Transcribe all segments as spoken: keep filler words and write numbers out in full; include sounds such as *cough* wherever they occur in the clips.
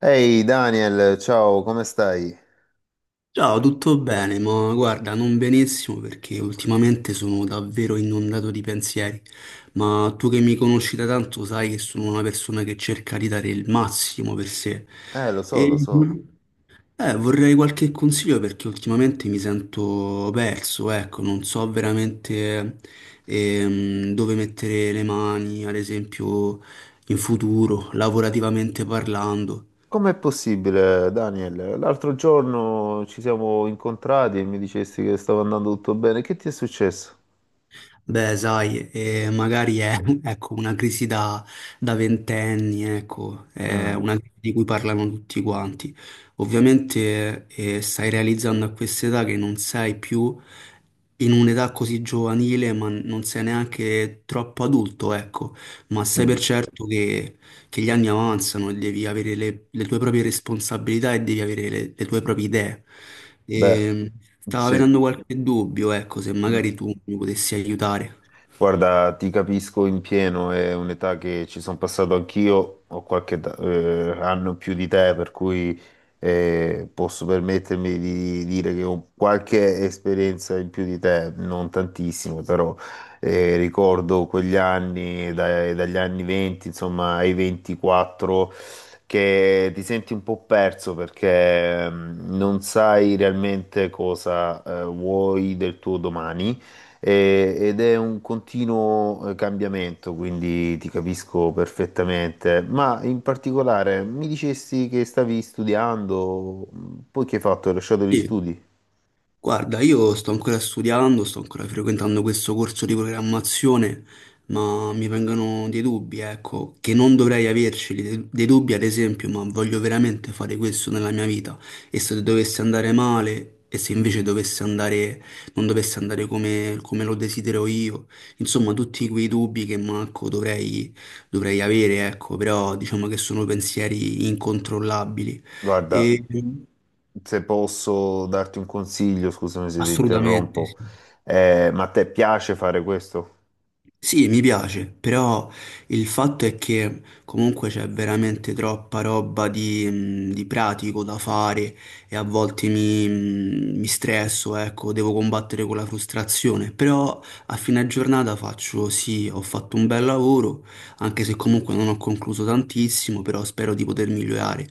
Ehi Daniel, ciao, come stai? Ciao, tutto bene, ma guarda, non benissimo perché ultimamente sono davvero inondato di pensieri, ma tu che mi conosci da tanto sai che sono una persona che cerca di dare il massimo per sé Eh, lo so, lo e so. eh, vorrei qualche consiglio perché ultimamente mi sento perso, ecco, non so veramente ehm, dove mettere le mani, ad esempio in futuro, lavorativamente parlando. Com'è possibile, Daniel? L'altro giorno ci siamo incontrati e mi dicesti che stava andando tutto bene. Che ti è successo? Beh, sai, eh, magari è *laughs* ecco, una crisi da, da ventenni, ecco, è Mm, una crisi di cui parlano tutti quanti. Ovviamente eh, stai realizzando a questa età che non sei più in un'età così giovanile, ma non sei neanche troppo adulto, ecco, ma sai per mm, certo che che gli anni avanzano e devi avere le, le tue proprie responsabilità e devi avere le, le tue proprie idee. beh, E stavo sì. avendo qualche dubbio, ecco, se magari tu mi potessi aiutare. Guarda, ti capisco in pieno, è un'età che ci sono passato anch'io, ho qualche età- eh, anno in più di te, per cui eh, posso permettermi di dire che ho qualche esperienza in più di te, non tantissimo, però eh, ricordo quegli anni, dai- dagli anni venti, insomma, ai ventiquattro, che ti senti un po' perso perché mm, non sai realmente cosa eh, vuoi del tuo domani e- ed è un continuo eh, cambiamento, quindi ti capisco perfettamente. Ma in particolare mi dicesti che stavi studiando, poi che hai fatto? Hai lasciato gli Sì. studi? Guarda, io sto ancora studiando, sto ancora frequentando questo corso di programmazione, ma mi vengono dei dubbi, ecco, che non dovrei averceli, de- dei dubbi ad esempio, ma voglio veramente fare questo nella mia vita e se dovesse andare male e se invece dovesse andare, non dovesse andare come, come lo desidero io, insomma tutti quei dubbi che manco dovrei, dovrei avere, ecco, però diciamo che sono pensieri incontrollabili Guarda, e se posso darti un consiglio, scusami se ti assolutamente interrompo, sì. eh, ma a te piace fare questo? Sì, mi piace, però il fatto è che comunque c'è veramente troppa roba di, mh, di pratico da fare e a volte mi, mh, mi stresso, ecco, devo combattere con la frustrazione, però a fine giornata faccio sì, ho fatto un bel lavoro, anche se comunque non ho concluso tantissimo, però spero di poter migliorare.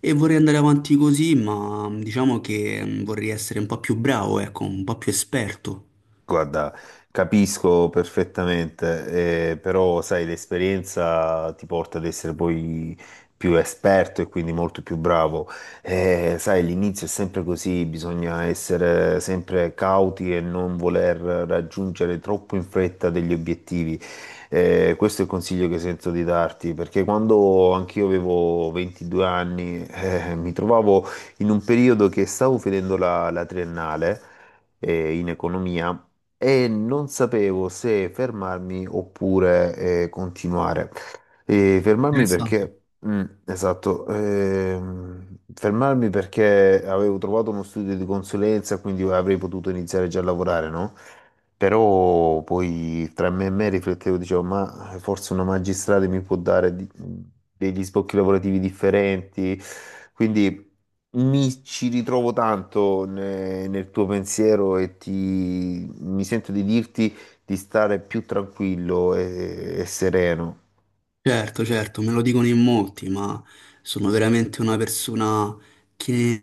E vorrei andare avanti così, ma mh, diciamo che mh, vorrei essere un po' più bravo, ecco, un po' più esperto. Guarda, capisco perfettamente, eh, però sai, l'esperienza ti porta ad essere poi più esperto e quindi molto più bravo. Eh, sai, l'inizio è sempre così, bisogna essere sempre cauti e non voler raggiungere troppo in fretta degli obiettivi. Eh, questo è il consiglio che sento di darti, perché quando anch'io avevo ventidue anni, eh, mi trovavo in un periodo che stavo finendo la la triennale eh, in economia, e non sapevo se fermarmi oppure eh, continuare. E fermarmi Interessante. perché, mm, esatto, ehm, fermarmi perché avevo trovato uno studio di consulenza, quindi avrei potuto iniziare già a lavorare, no? Però poi tra me e me riflettevo, dicevo, ma forse una magistrale mi può dare di- degli sbocchi lavorativi differenti. Quindi mi ci ritrovo tanto ne- nel tuo pensiero e ti, mi sento di dirti di stare più tranquillo e, e sereno. Certo, certo, me lo dicono in molti, ma sono veramente una persona che,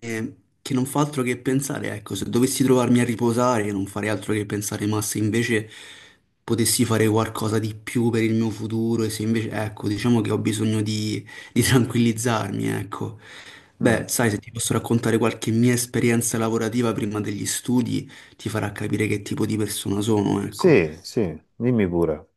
che non fa altro che pensare. Ecco, se dovessi trovarmi a riposare, non farei altro che pensare, ma se invece potessi fare qualcosa di più per il mio futuro, e se invece, ecco, diciamo che ho bisogno di, di tranquillizzarmi, ecco. Beh, Mm. sai, se ti posso raccontare qualche mia esperienza lavorativa prima degli studi, ti farà capire che tipo di persona sono, ecco. Sì, sì, dimmi pure.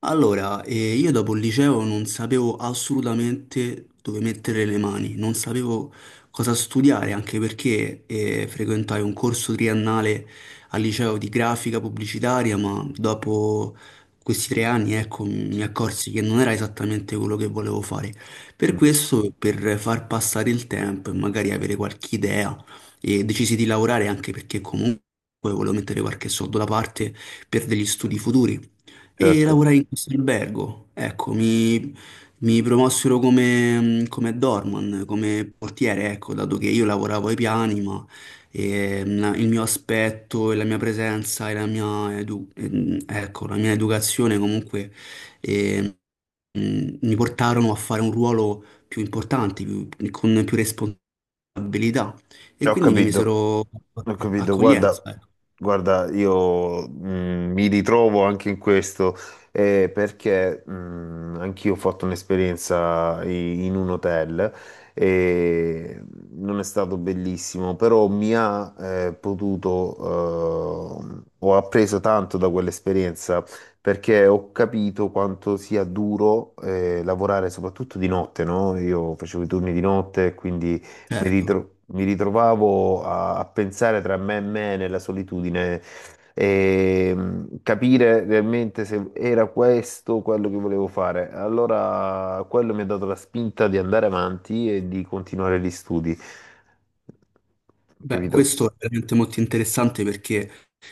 Allora, eh, io dopo il liceo non sapevo assolutamente dove mettere le mani, non sapevo cosa studiare, anche perché eh, frequentai un corso triennale al liceo di grafica pubblicitaria, ma dopo questi tre anni, ecco, mi accorsi che non era esattamente quello che volevo fare. Per Mm, questo, per far passare il tempo e magari avere qualche idea, eh, decisi di lavorare anche perché comunque volevo mettere qualche soldo da parte per degli studi futuri e certo, lavorai in questo albergo. Ecco, mi, mi promossero come, come doorman, come portiere, ecco, dato che io lavoravo ai piani, ma eh, la- il mio aspetto e la mia presenza e la mia, edu- ehm, ecco, la mia educazione comunque eh, mh, mi portarono a fare un ruolo più importante, più- con più responsabilità. E ho quindi mi capito. misero Ho capito, guarda, accoglienza, ecco, guarda, io mh, mi ritrovo anche in questo eh, perché mh, anch'io ho fatto un'esperienza i- in un hotel e non è stato bellissimo, però mi ha eh, potuto, eh, ho appreso tanto da quell'esperienza perché ho capito quanto sia duro eh, lavorare soprattutto di notte, no? Io facevo i turni di notte, quindi mi certo. ritro- mi ritrovavo a, a pensare tra me e me nella solitudine e mh, capire realmente se era questo quello che volevo fare. Allora, quello mi ha dato la spinta di andare avanti e di continuare gli studi. Beh, Capito? questo è veramente molto interessante perché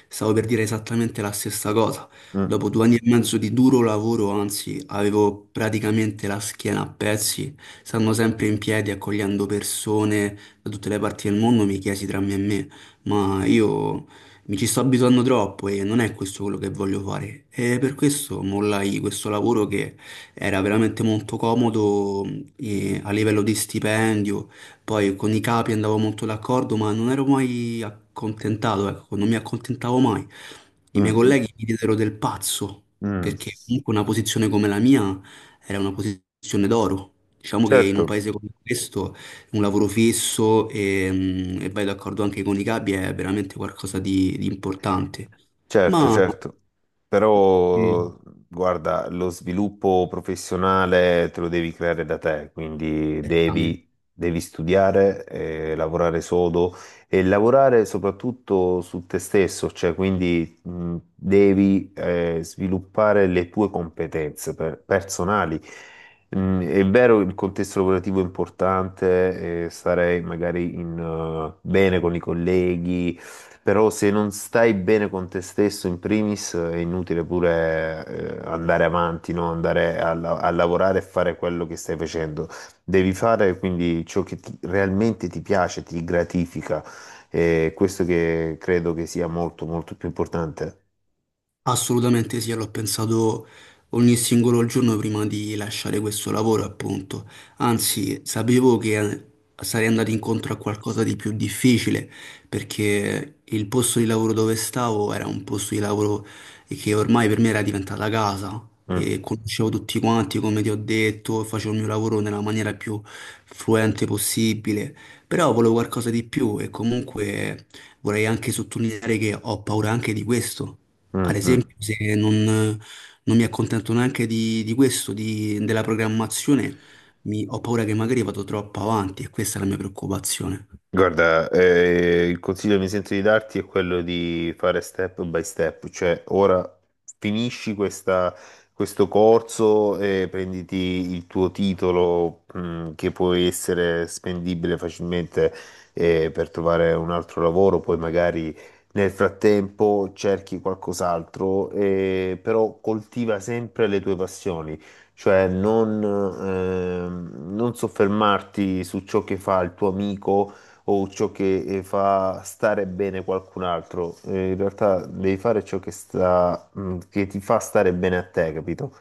stavo per dire esattamente la stessa cosa. Mm, Dopo due anni e mezzo di duro lavoro, anzi, avevo praticamente la schiena a pezzi, stando sempre in piedi, accogliendo persone da tutte le parti del mondo, mi chiesi tra me e me, ma io mi ci sto abituando troppo e non è questo quello che voglio fare. E per questo mollai questo lavoro che era veramente molto comodo eh, a livello di stipendio, poi con i capi andavo molto d'accordo, ma non ero mai accontentato, ecco, non mi accontentavo mai. I miei mm, colleghi mi diedero del pazzo, mm, mm. perché comunque una posizione come la mia era una posizione d'oro. Diciamo che in un Certo. paese come questo un lavoro fisso e, mm, e vai d'accordo anche con i capi è veramente qualcosa di, di importante. Certo, Ma... certo, Mm. però guarda, lo sviluppo professionale te lo devi creare da te, quindi Certamente. devi, devi studiare, eh, lavorare sodo e lavorare soprattutto su te stesso, cioè quindi mh, devi eh, sviluppare le tue competenze per- personali. Mm, è vero, il contesto lavorativo è importante, eh, stare magari in, eh, bene con i colleghi però se non stai bene con te stesso in primis è inutile pure eh, andare avanti, no? Andare a, la- a lavorare e fare quello che stai facendo. Devi fare quindi ciò che ti- realmente ti piace, ti gratifica. E questo che credo che sia molto molto più importante. Assolutamente sì, l'ho pensato ogni singolo giorno prima di lasciare questo lavoro, appunto. Anzi, sapevo che eh, sarei andato incontro a qualcosa di più difficile, perché il posto di lavoro dove stavo era un posto di lavoro che ormai per me era diventata casa Mm, e conoscevo tutti quanti, come ti ho detto, facevo il mio lavoro nella maniera più fluente possibile, però volevo qualcosa di più e comunque vorrei anche sottolineare che ho paura anche di questo, ad mm, mm. esempio, se non, non mi accontento neanche di, di questo, di- della programmazione, mi- ho paura che magari vado troppo avanti e questa è la mia preoccupazione. Guarda, eh, il consiglio che mi sento di darti è quello di fare step by step, cioè ora finisci questa- questo corso e prenditi il tuo titolo, mh, che può essere spendibile facilmente, eh, per trovare un altro lavoro, poi magari nel frattempo cerchi qualcos'altro, eh, però coltiva sempre le tue passioni. Cioè non, ehm, non soffermarti su ciò che fa il tuo amico, o ciò che eh, fa stare bene qualcun altro. Eh, in realtà devi fare ciò che sta, mm, che ti fa stare bene a te, capito?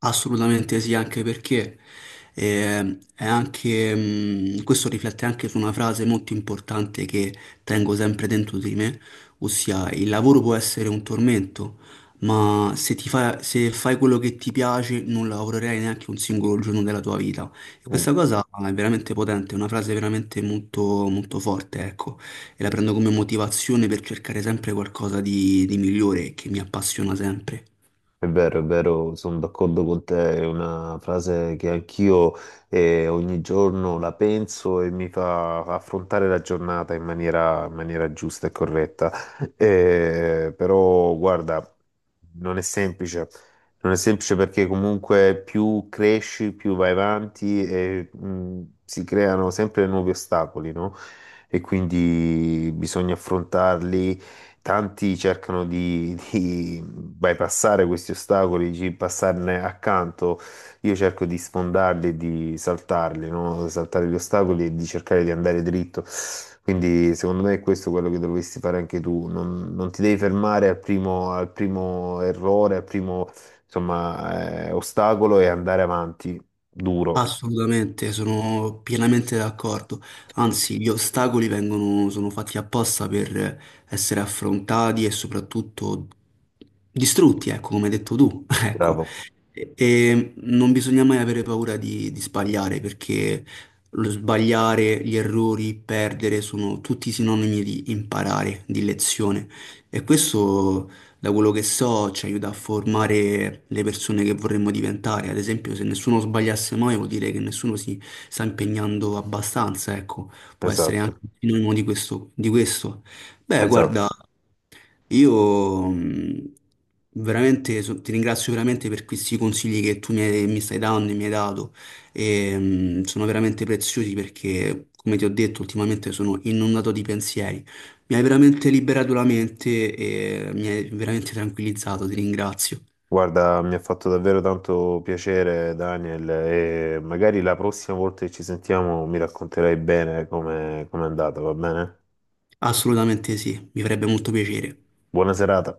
Assolutamente sì, anche perché eh, è anche, mh, questo riflette anche su una frase molto importante che tengo sempre dentro di me, ossia il lavoro può essere un tormento, ma se ti fa- se fai quello che ti piace non lavorerai neanche un singolo giorno della tua vita. E Mm. questa cosa è veramente potente, è una frase veramente molto, molto forte, ecco, e la prendo come motivazione per cercare sempre qualcosa di, di migliore che mi appassiona sempre. È vero, è vero, sono d'accordo con te, è una frase che anch'io eh, ogni giorno la penso e mi fa affrontare la giornata in maniera, in maniera giusta e corretta. Eh, però, guarda, non è semplice, non è semplice perché comunque più cresci, più vai avanti e mh, si creano sempre nuovi ostacoli, no? E quindi bisogna affrontarli. Tanti cercano di, di bypassare questi ostacoli, di passarne accanto. Io cerco di sfondarli, e di saltarli, no? Saltare gli ostacoli e di cercare di andare dritto. Quindi, secondo me, è questo quello che dovresti fare anche tu. Non, non ti devi fermare al primo, al primo errore, al primo, insomma, eh, ostacolo e andare avanti duro. Assolutamente, sono pienamente d'accordo. Anzi, gli ostacoli vengono, sono fatti apposta per essere affrontati e soprattutto distrutti, ecco, come hai detto tu. *laughs* Ecco, Bravo, e, e non bisogna mai avere paura di, di sbagliare, perché lo sbagliare, gli errori, perdere sono tutti sinonimi di imparare, di lezione. E questo, da quello che so, ci aiuta a formare le persone che vorremmo diventare. Ad esempio, se nessuno sbagliasse mai, vuol dire che nessuno si sta impegnando abbastanza, ecco, può essere anche esatto, un sinonimo di questo, di questo. Beh, guarda, esatto. io mh, veramente so- ti ringrazio veramente per questi consigli che tu mi, hai- mi stai dando e mi hai dato. E, mh, sono veramente preziosi perché, come ti ho detto, ultimamente sono inondato di pensieri. Mi hai veramente liberato la mente e mi hai veramente tranquillizzato, ti ringrazio. Guarda, mi ha fatto davvero tanto piacere, Daniel, e magari la prossima volta che ci sentiamo mi racconterai bene come come è andata, va bene? Assolutamente sì, mi farebbe molto piacere. Buona serata.